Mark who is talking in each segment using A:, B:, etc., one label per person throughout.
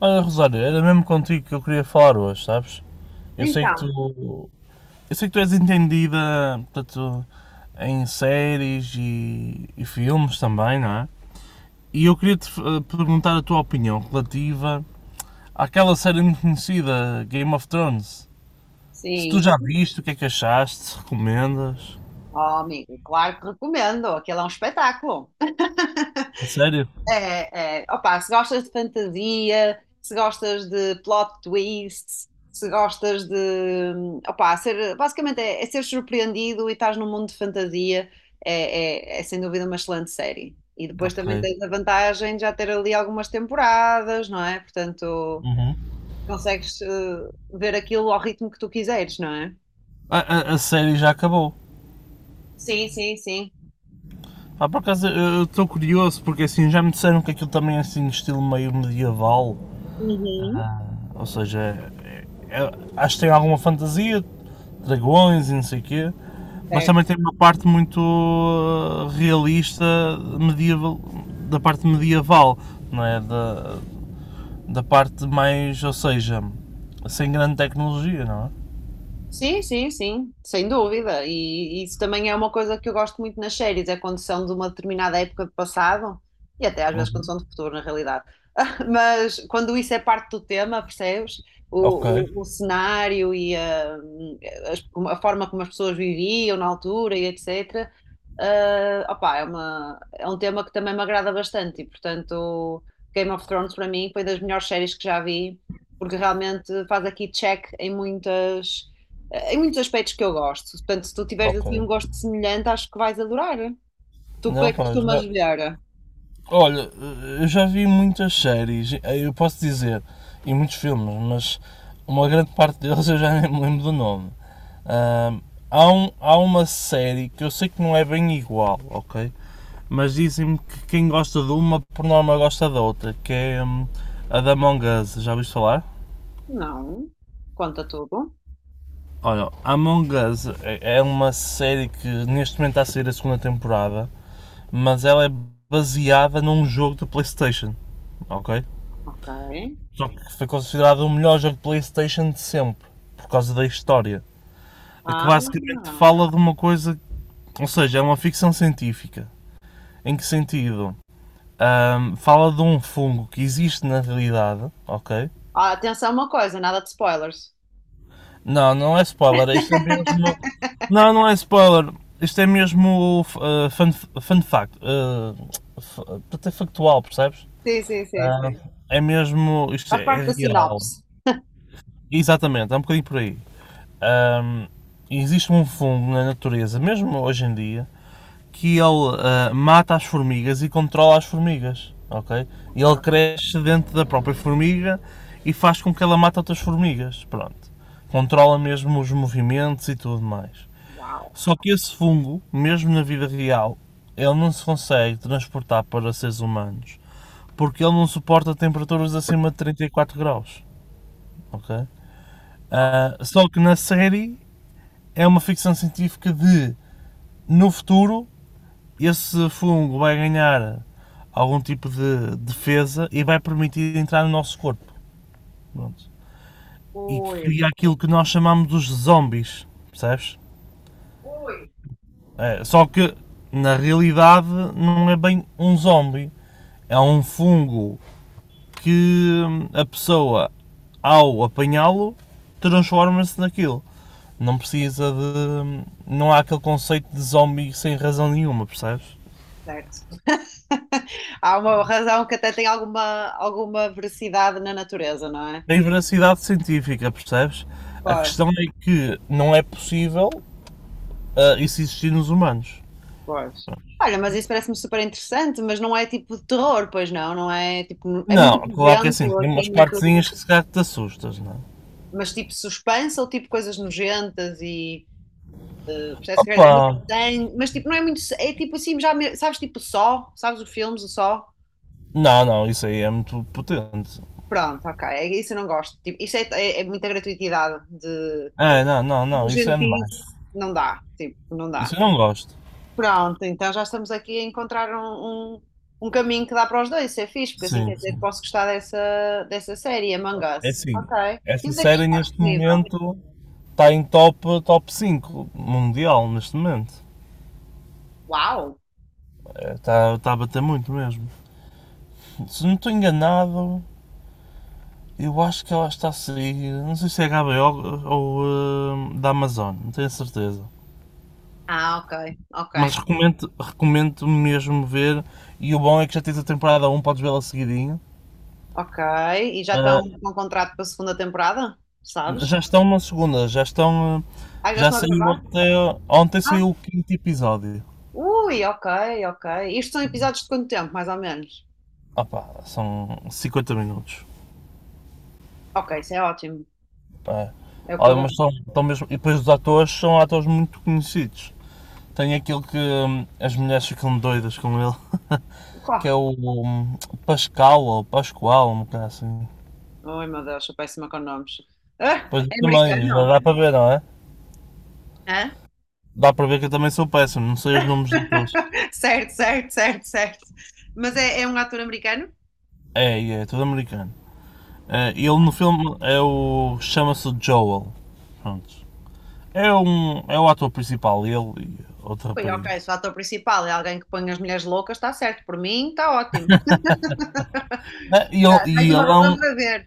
A: Olha, Rosário, era mesmo contigo que eu queria falar hoje, sabes? Eu sei que
B: Então,
A: tu. Eu sei que tu és entendida, portanto, em séries e filmes também, não é? E eu queria te perguntar a tua opinião relativa àquela série muito conhecida, Game of Thrones. Se tu
B: sim,
A: já viste, o que é que achaste? Se recomendas?
B: ó, amigo, claro que recomendo, aquilo é um espetáculo.
A: A sério?
B: É, opa, se gostas de fantasia, se gostas de plot twists, se gostas de, opa, ser, basicamente é ser surpreendido e estás num mundo de fantasia, é sem dúvida uma excelente série. E depois
A: Ok.
B: também tens a vantagem de já ter ali algumas temporadas, não é? Portanto,
A: Uhum.
B: consegues, ver aquilo ao ritmo que tu quiseres, não é?
A: A série já acabou.
B: Sim, sim, sim.
A: Ah, por acaso eu estou curioso porque assim já me disseram que aquilo também é assim estilo meio medieval.
B: Uhum.
A: Ou seja, é- acho que tem alguma fantasia, dragões e não sei o quê, mas
B: É.
A: também tem uma parte muito realista medieval, da parte medieval, não é? Da parte mais, ou seja, sem grande tecnologia, não é?
B: Sim, sim, sim, sem dúvida. E isso também é uma coisa que eu gosto muito nas séries, é quando são de uma determinada época do passado e até às vezes quando
A: Uhum.
B: são de futuro, na realidade. Mas quando isso é parte do tema, percebes?
A: Ok,
B: O cenário e a forma como as pessoas viviam na altura e etc. Ah, opá, é um tema que também me agrada bastante e, portanto, Game of Thrones para mim foi das melhores séries que já vi, porque realmente faz aqui check em muitos aspectos que eu gosto. Portanto, se tu tiveres assim
A: ok.
B: um gosto semelhante, acho que vais adorar. Tu o que
A: Não,
B: é que
A: pá,
B: costumas
A: já,
B: ver?
A: Olha, eu já vi muitas séries, eu posso dizer, e muitos filmes, mas uma grande parte deles eu já nem me lembro do nome. Ahm, há uma série que eu sei que não é bem igual, ok? Mas dizem-me que quem gosta de uma, por norma, gosta da outra, que é a da Among Us. Já ouviste falar?
B: Não, conta tudo.
A: Olha, a Among Us é uma série que neste momento está a sair a segunda temporada, mas ela é baseada num jogo do PlayStation, ok?
B: Ok.
A: Só que foi considerado o melhor jogo de Playstation de sempre, por causa da história. Que
B: Ah,
A: basicamente fala de uma coisa, ou seja, é uma ficção científica. Em que sentido? Fala de um fungo que existe na realidade, ok?
B: Ah, atenção a uma coisa, nada de spoilers.
A: Não, não é spoiler, isto é mesmo. Não, não é spoiler. Isto é mesmo fun fact. Até factual, percebes?
B: Sim, sim, sim,
A: Ah,
B: sim.
A: é mesmo. Isto
B: Faz
A: é, é
B: parte da
A: real.
B: sinopse.
A: Exatamente, é um bocadinho por aí. Ahm, Existe um fungo na natureza, mesmo hoje em dia, que ele mata as formigas e controla as formigas, ok? E
B: Ok.
A: ele cresce dentro da própria formiga e faz com que ela mate outras formigas, pronto. Controla mesmo os movimentos e tudo mais.
B: Uau.
A: Só que esse fungo, mesmo na vida real, ele não se consegue transportar para seres humanos porque ele não suporta temperaturas acima de 34 graus, ok? Ah, só que na série é uma ficção científica de no futuro, esse fungo vai ganhar algum tipo de defesa e vai permitir entrar no nosso corpo. Pronto. E
B: Ok.
A: cria aquilo que nós chamamos dos zombies, percebes?
B: Oi.
A: É, só que na realidade não é bem um zombie, é um fungo que a pessoa ao apanhá-lo transforma-se naquilo. Não precisa de. Não há aquele conceito de zombie sem razão nenhuma, percebes?
B: Certo. Há uma razão que até tem alguma veracidade na natureza, não é?
A: Tem veracidade científica, percebes? A
B: Claro,
A: questão é que não é possível isso existir nos humanos.
B: pois. Olha, mas isso parece-me super interessante, mas não é tipo de terror, pois não? Não é tipo, é muito
A: Não, claro que é assim,
B: nojento,
A: tem
B: assim,
A: umas
B: muito,
A: partezinhas que se calhar que te assustas, não é?
B: mas tipo suspense ou tipo coisas nojentas e parece que quer dizer, muito
A: Opa!
B: sangue, mas tipo, não é muito, é tipo assim, sabes, tipo só, sabes os filmes, o só,
A: Não, não, isso aí é muito potente.
B: pronto, ok, isso eu não gosto, tipo, isso é muita gratuitidade de.
A: É, não, não,
B: Como a
A: não,
B: gente
A: isso é demais.
B: Nojentice, não dá, tipo, não
A: Isso
B: dá.
A: eu não gosto.
B: Pronto, então já estamos aqui a encontrar um caminho que dá para os dois, isso é fixe, porque assim
A: Sim,
B: quer dizer que
A: sim.
B: posso gostar dessa, dessa série, Among
A: É
B: Us.
A: assim,
B: Ok. E
A: essa
B: onde é que
A: série
B: estás
A: neste
B: disponível?
A: momento está em top 5 mundial, neste momento.
B: Uau!
A: É, está a bater muito mesmo. Se não estou enganado, eu acho que ela está a sair, não sei se é HBO ou da Amazon, não tenho certeza.
B: Ah, ok, ok,
A: Mas recomendo, recomendo mesmo ver, e o bom é que já tens a temporada um, podes vê-la seguidinho.
B: ok. E já estão
A: Ah,
B: com um contrato para a segunda temporada? Sabes?
A: já estão na segunda, já estão.
B: Ah, já
A: Já
B: estão a
A: saiu
B: gravar?
A: até. Ontem
B: Ah,
A: saiu o quinto episódio.
B: ui, ok, ok. Isto são episódios de quanto tempo, mais ou menos?
A: Ah pá, são 50 minutos.
B: Ok, isso é ótimo.
A: Pá,
B: É o que eu
A: olha, mas estão mesmo. E depois os atores são atores muito conhecidos. Tem aquele que as mulheres ficam doidas com ele. Que
B: gosto.
A: é o Pascal ou Pascoal, um bocado assim.
B: Ai, meu Deus, sou péssima com nomes. Ah,
A: Pois eu
B: é
A: também, já
B: americano?
A: dá para ver, não é?
B: Hã?
A: Dá para ver que eu também sou péssimo, não sei os nomes de todos.
B: Certo, certo, certo, certo. Mas é um ator americano?
A: É todo americano. É, ele no filme é o. chama-se Joel. Prontos. É o ator principal, ele e outra
B: Foi ok,
A: rapariga.
B: se o ator principal é alguém que põe as mulheres loucas, está certo. Por mim, está ótimo.
A: É,
B: Ah, mais uma razão para ver.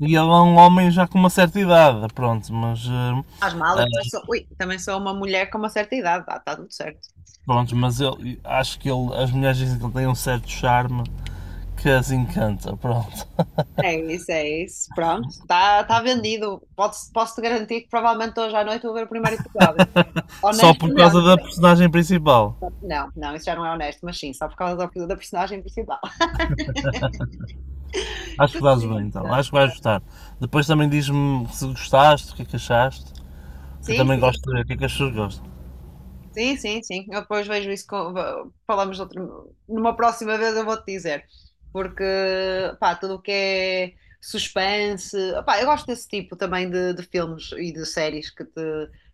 A: e ele é um homem já com uma certa idade, pronto, mas,
B: As malas,
A: ah,
B: também sou uma mulher com uma certa idade, está tá tudo certo.
A: pronto, mas eu acho que ele, as mulheres dizem que ele tem um certo charme que as encanta, pronto.
B: É isso, é isso. Pronto, está tá vendido. Posso-te garantir que provavelmente hoje à noite vou ver o primeiro episódio.
A: Só por causa
B: Honestamente.
A: da personagem principal.
B: Não, não, isso já não é honesto, mas sim, só por causa da personagem principal.
A: Acho que fazes bem então,
B: Perfeita.
A: acho que vais gostar. Depois também diz-me se gostaste, o que é que achaste. Que eu
B: Sim,
A: também
B: sim,
A: gosto de ver o que é que as pessoas gostam.
B: sim, sim, sim. Eu depois vejo isso, falamos de outro, numa próxima vez eu vou-te dizer, porque, pá, tudo o que é suspense, pá, eu gosto desse tipo também de filmes e de séries que te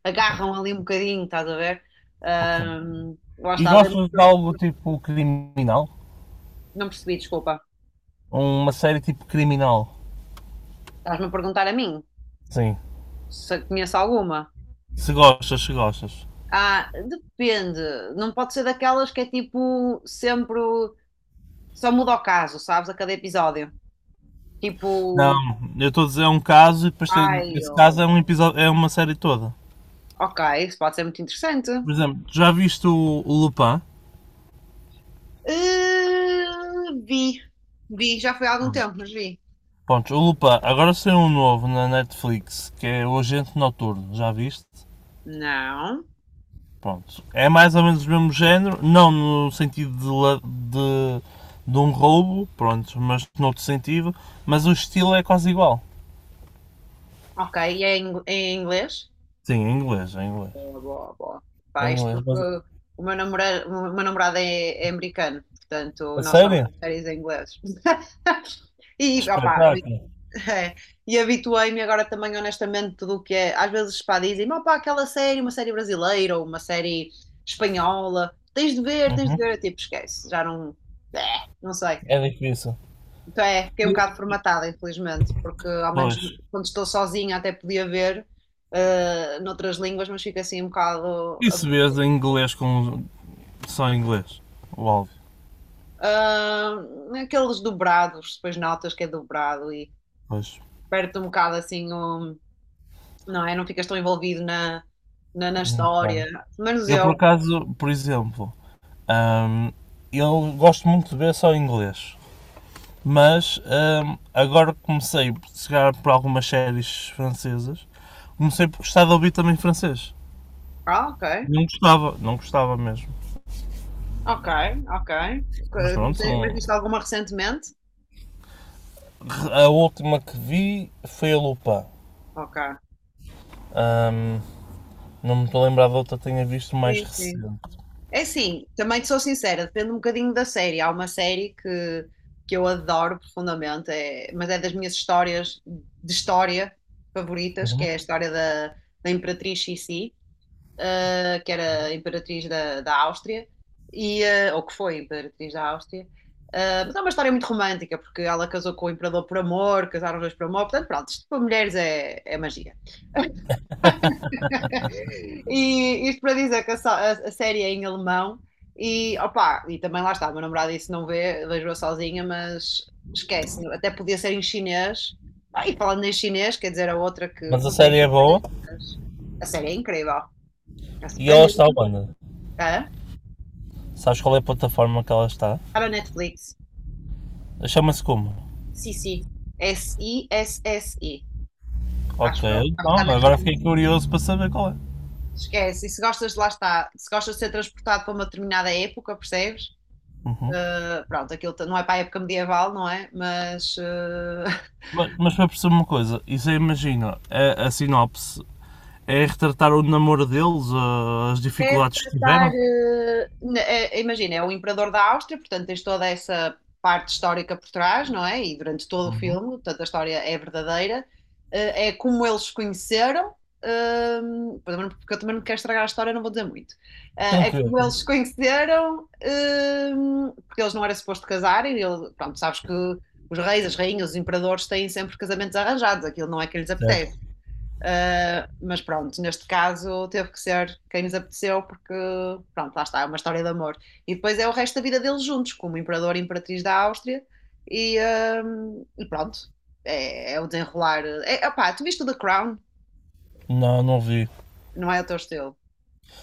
B: agarram ali um bocadinho, estás a ver?
A: Ok.
B: Lá
A: E
B: está,
A: gostas de algo tipo criminal?
B: não percebi, desculpa.
A: Uma série tipo criminal?
B: Estás-me a perguntar a mim
A: Sim.
B: se conheço alguma.
A: Se gostas, se gostas?
B: Ah, depende. Não pode ser daquelas que é tipo sempre. Só muda o caso, sabes? A cada episódio.
A: Não,
B: Tipo,
A: eu estou a dizer é um caso e depois
B: ai,
A: esse caso é um episódio, é uma série toda.
B: ok, isso pode ser muito interessante.
A: Por exemplo, já viste o Lupin?
B: Ah, vi, já foi há algum tempo, mas vi.
A: Pontos, o Lupin, agora saiu um novo na Netflix, que é o Agente Noturno, já viste?
B: Não.
A: Pronto. É mais ou menos o mesmo género, não no sentido de um roubo, pronto, mas noutro sentido, mas o estilo é quase igual.
B: Ok, e é em inglês?
A: Sim, em inglês, em inglês.
B: Boa, boa, boa.
A: Em
B: Pá, isto
A: inglês,
B: porque
A: mas
B: o meu namorado é americano, portanto,
A: a
B: nós só vemos
A: sério?
B: séries em inglês. E, opá,
A: Espetáculo.
B: É, habituei-me agora também, honestamente, tudo o que é. Às vezes, pá, dizem-me, opá, aquela série, uma série brasileira ou uma série espanhola, tens de ver, tens de ver.
A: Uhum.
B: Eu, tipo, esquece, já não. É, não sei.
A: É difícil.
B: Então fiquei um bocado formatada, infelizmente, porque ao menos
A: Pois.
B: quando estou sozinha até podia ver noutras línguas, mas fica assim um
A: E
B: bocado.
A: se vês em inglês com só em inglês? O áudio.
B: ah, aqueles dobrados, depois notas que é dobrado e
A: Pois.
B: perde um bocado assim o não é? Não ficas tão envolvido na,
A: Não está, né?
B: história. Pelo menos
A: Eu por
B: eu.
A: acaso, por exemplo, ahm, eu gosto muito de ver só em inglês. Mas agora comecei, a calhar por algumas séries francesas, comecei por gostar de ouvir também francês.
B: Ah, ok,
A: Não gostava, não gostava mesmo.
B: ok, ok. Ok.
A: Mas
B: Mas,
A: pronto,
B: mas viste alguma recentemente?
A: a última que vi foi a Lupin.
B: Ok.
A: Hum, não me estou a lembrar de outra que tenha visto mais
B: Sim, sim.
A: recente.
B: É assim, também te sou sincera, depende um bocadinho da série. Há uma série que eu adoro profundamente, mas é das minhas histórias de história favoritas, que
A: Uhum.
B: é a história da Imperatriz Sissi. Que era imperatriz da Áustria, ou que foi imperatriz da Áustria. Mas é uma história muito romântica, porque ela casou com o imperador por amor, casaram os dois por amor, portanto, pronto, isto para mulheres é magia. E isto para dizer que a série é em alemão e opa, e também lá está, o meu namorado disse não vê, vejo-a sozinha, mas esquece, até podia ser em chinês. Ah, e falando em chinês, quer dizer, a outra que
A: Mas a série
B: consegue.
A: é boa
B: A série é incrível. Essa
A: e
B: para
A: ela
B: mim,
A: está onde?
B: é?
A: Sabes qual é a plataforma que ela está?
B: Está no Netflix.
A: Chama-se como?
B: Sissi. S-I-S-S-I.
A: Ok,
B: Acho que está
A: então
B: mesmo
A: agora
B: como
A: fiquei
B: Sissi.
A: curioso para saber qual é.
B: Esquece. E se gostas, de lá está. Se gostas de ser transportado para uma determinada época, percebes?
A: Uhum.
B: Pronto, aquilo não é para a época medieval, não é? Mas
A: Mas para perceber uma coisa, isso aí imagina, a sinopse é retratar o namoro deles, as
B: é
A: dificuldades
B: para
A: que
B: estar,
A: tiveram.
B: imagina, é o imperador da Áustria, portanto tens toda essa parte histórica por trás, não é? E durante todo o
A: Uhum.
B: filme, portanto a história é verdadeira. É como eles se conheceram, porque eu também não quero estragar a história, não vou dizer muito. É
A: Tranquilo,
B: como eles se conheceram, porque eles não era suposto casarem, e ele, pronto, sabes que os reis, as rainhas, os imperadores têm sempre casamentos arranjados, aquilo não é que lhes
A: certo.
B: apetece. Mas pronto, neste caso teve que ser quem nos apeteceu, porque pronto, lá está, é uma história de amor. E depois é o resto da vida deles juntos, como imperador e imperatriz da Áustria, e, e pronto, é o desenrolar. É, opá, tu viste o The Crown?
A: Não, não vi.
B: Não é o teu estilo?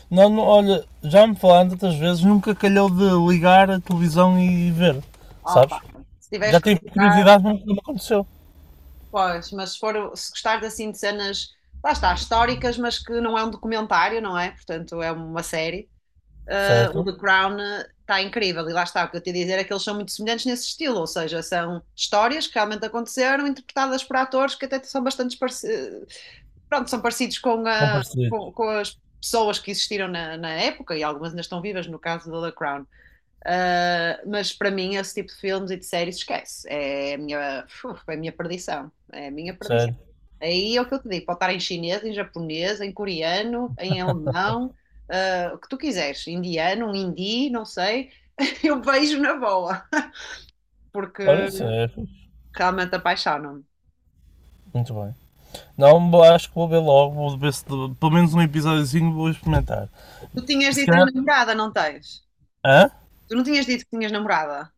A: Não, não, olha, já me falaram tantas vezes, nunca calhou de ligar a televisão e ver,
B: Opa,
A: sabes?
B: se tiveres
A: Já tive
B: curiosidade,
A: curiosidade, mas nunca me aconteceu,
B: pois, mas se gostares assim de cenas, lá está, históricas, mas que não é um documentário, não é? Portanto, é uma série. O
A: certo?
B: The Crown está incrível. E lá está, o que eu te ia dizer é que eles são muito semelhantes nesse estilo, ou seja, são histórias que realmente aconteceram, interpretadas por atores que até são bastante parecidos, pronto, são parecidos com,
A: Não
B: a, com,
A: parecidos,
B: com as pessoas que existiram na época e algumas ainda estão vivas, no caso do The Crown. Mas para mim, esse tipo de filmes e de séries, esquece. É a minha perdição. É a minha perdição.
A: sério.
B: Aí é o que eu te digo: pode estar em chinês, em japonês, em coreano, em alemão, o que tu quiseres. Indiano, um hindi, não sei. Eu vejo na boa,
A: Olha,
B: porque
A: isso é fixe.
B: realmente apaixono-me.
A: Muito bem. Não, acho que vou ver logo, vou ver se pelo menos um episódiozinho vou experimentar.
B: Tu tinhas
A: Se
B: dito que tens
A: calhar.
B: namorada, não tens?
A: Hã?
B: Tu não tinhas dito que tinhas namorada?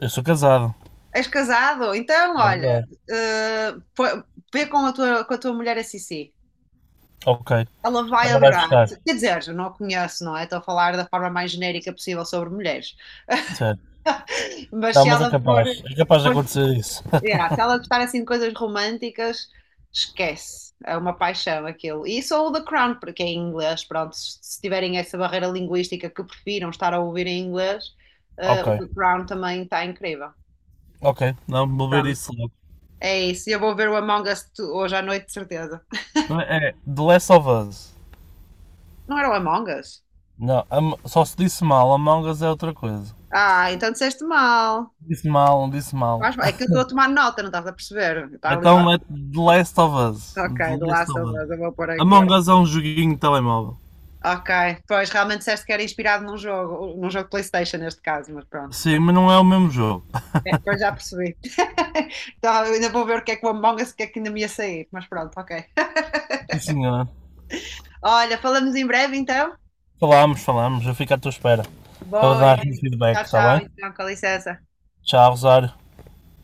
A: Eu sou casado.
B: És casado? Então,
A: É
B: olha,
A: verdade.
B: uh, foi- vê com a tua mulher a Sissi.
A: Ok.
B: Ela vai
A: Agora vai
B: adorar.
A: gostar.
B: Quer dizer, eu não a conheço, não é? Estou a falar da forma mais genérica possível sobre mulheres.
A: Certo.
B: Mas
A: Não,
B: se
A: mas é
B: ela
A: capaz. É capaz de
B: for-
A: acontecer isso.
B: yeah, se ela gostar assim de coisas românticas, esquece. É uma paixão aquilo. E só o The Crown, porque é em inglês, pronto. Se se tiverem essa barreira linguística que prefiram estar a ouvir em inglês,
A: Ok,
B: o The Crown também está incrível.
A: ok. Não, vou ver
B: Pronto.
A: isso logo.
B: É isso. E eu vou ver o Among Us hoje à noite, de certeza.
A: Não, é, The Last of Us.
B: Não era o Among Us?
A: Não, só se disse mal, Among Us é outra coisa.
B: Ah, então disseste mal.
A: Disse mal, disse mal.
B: Faz mal. É que eu estou a tomar nota, não estás a perceber? Está ali,
A: Então
B: está...
A: é The Last of Us.
B: Ok,
A: The
B: The
A: Last
B: Last
A: of
B: of
A: Us.
B: Us, eu vou pôr aqui.
A: Among Us é um joguinho de telemóvel.
B: Ok, pois realmente disseste que era inspirado num jogo de PlayStation neste caso, mas pronto.
A: Sim, mas não é o mesmo jogo.
B: É, pois já percebi. Então eu ainda vou ver o que é que o Among Us, o que é que ainda me ia sair, mas pronto, ok.
A: Sim, senhora.
B: Olha, falamos em breve então.
A: Falamos, falamos. Eu fico à tua espera. Para
B: Bom,
A: dar-me
B: Henrique.
A: feedback,
B: Tchau,
A: está
B: tchau,
A: bem?
B: então, com licença.
A: Tchau, Rosário.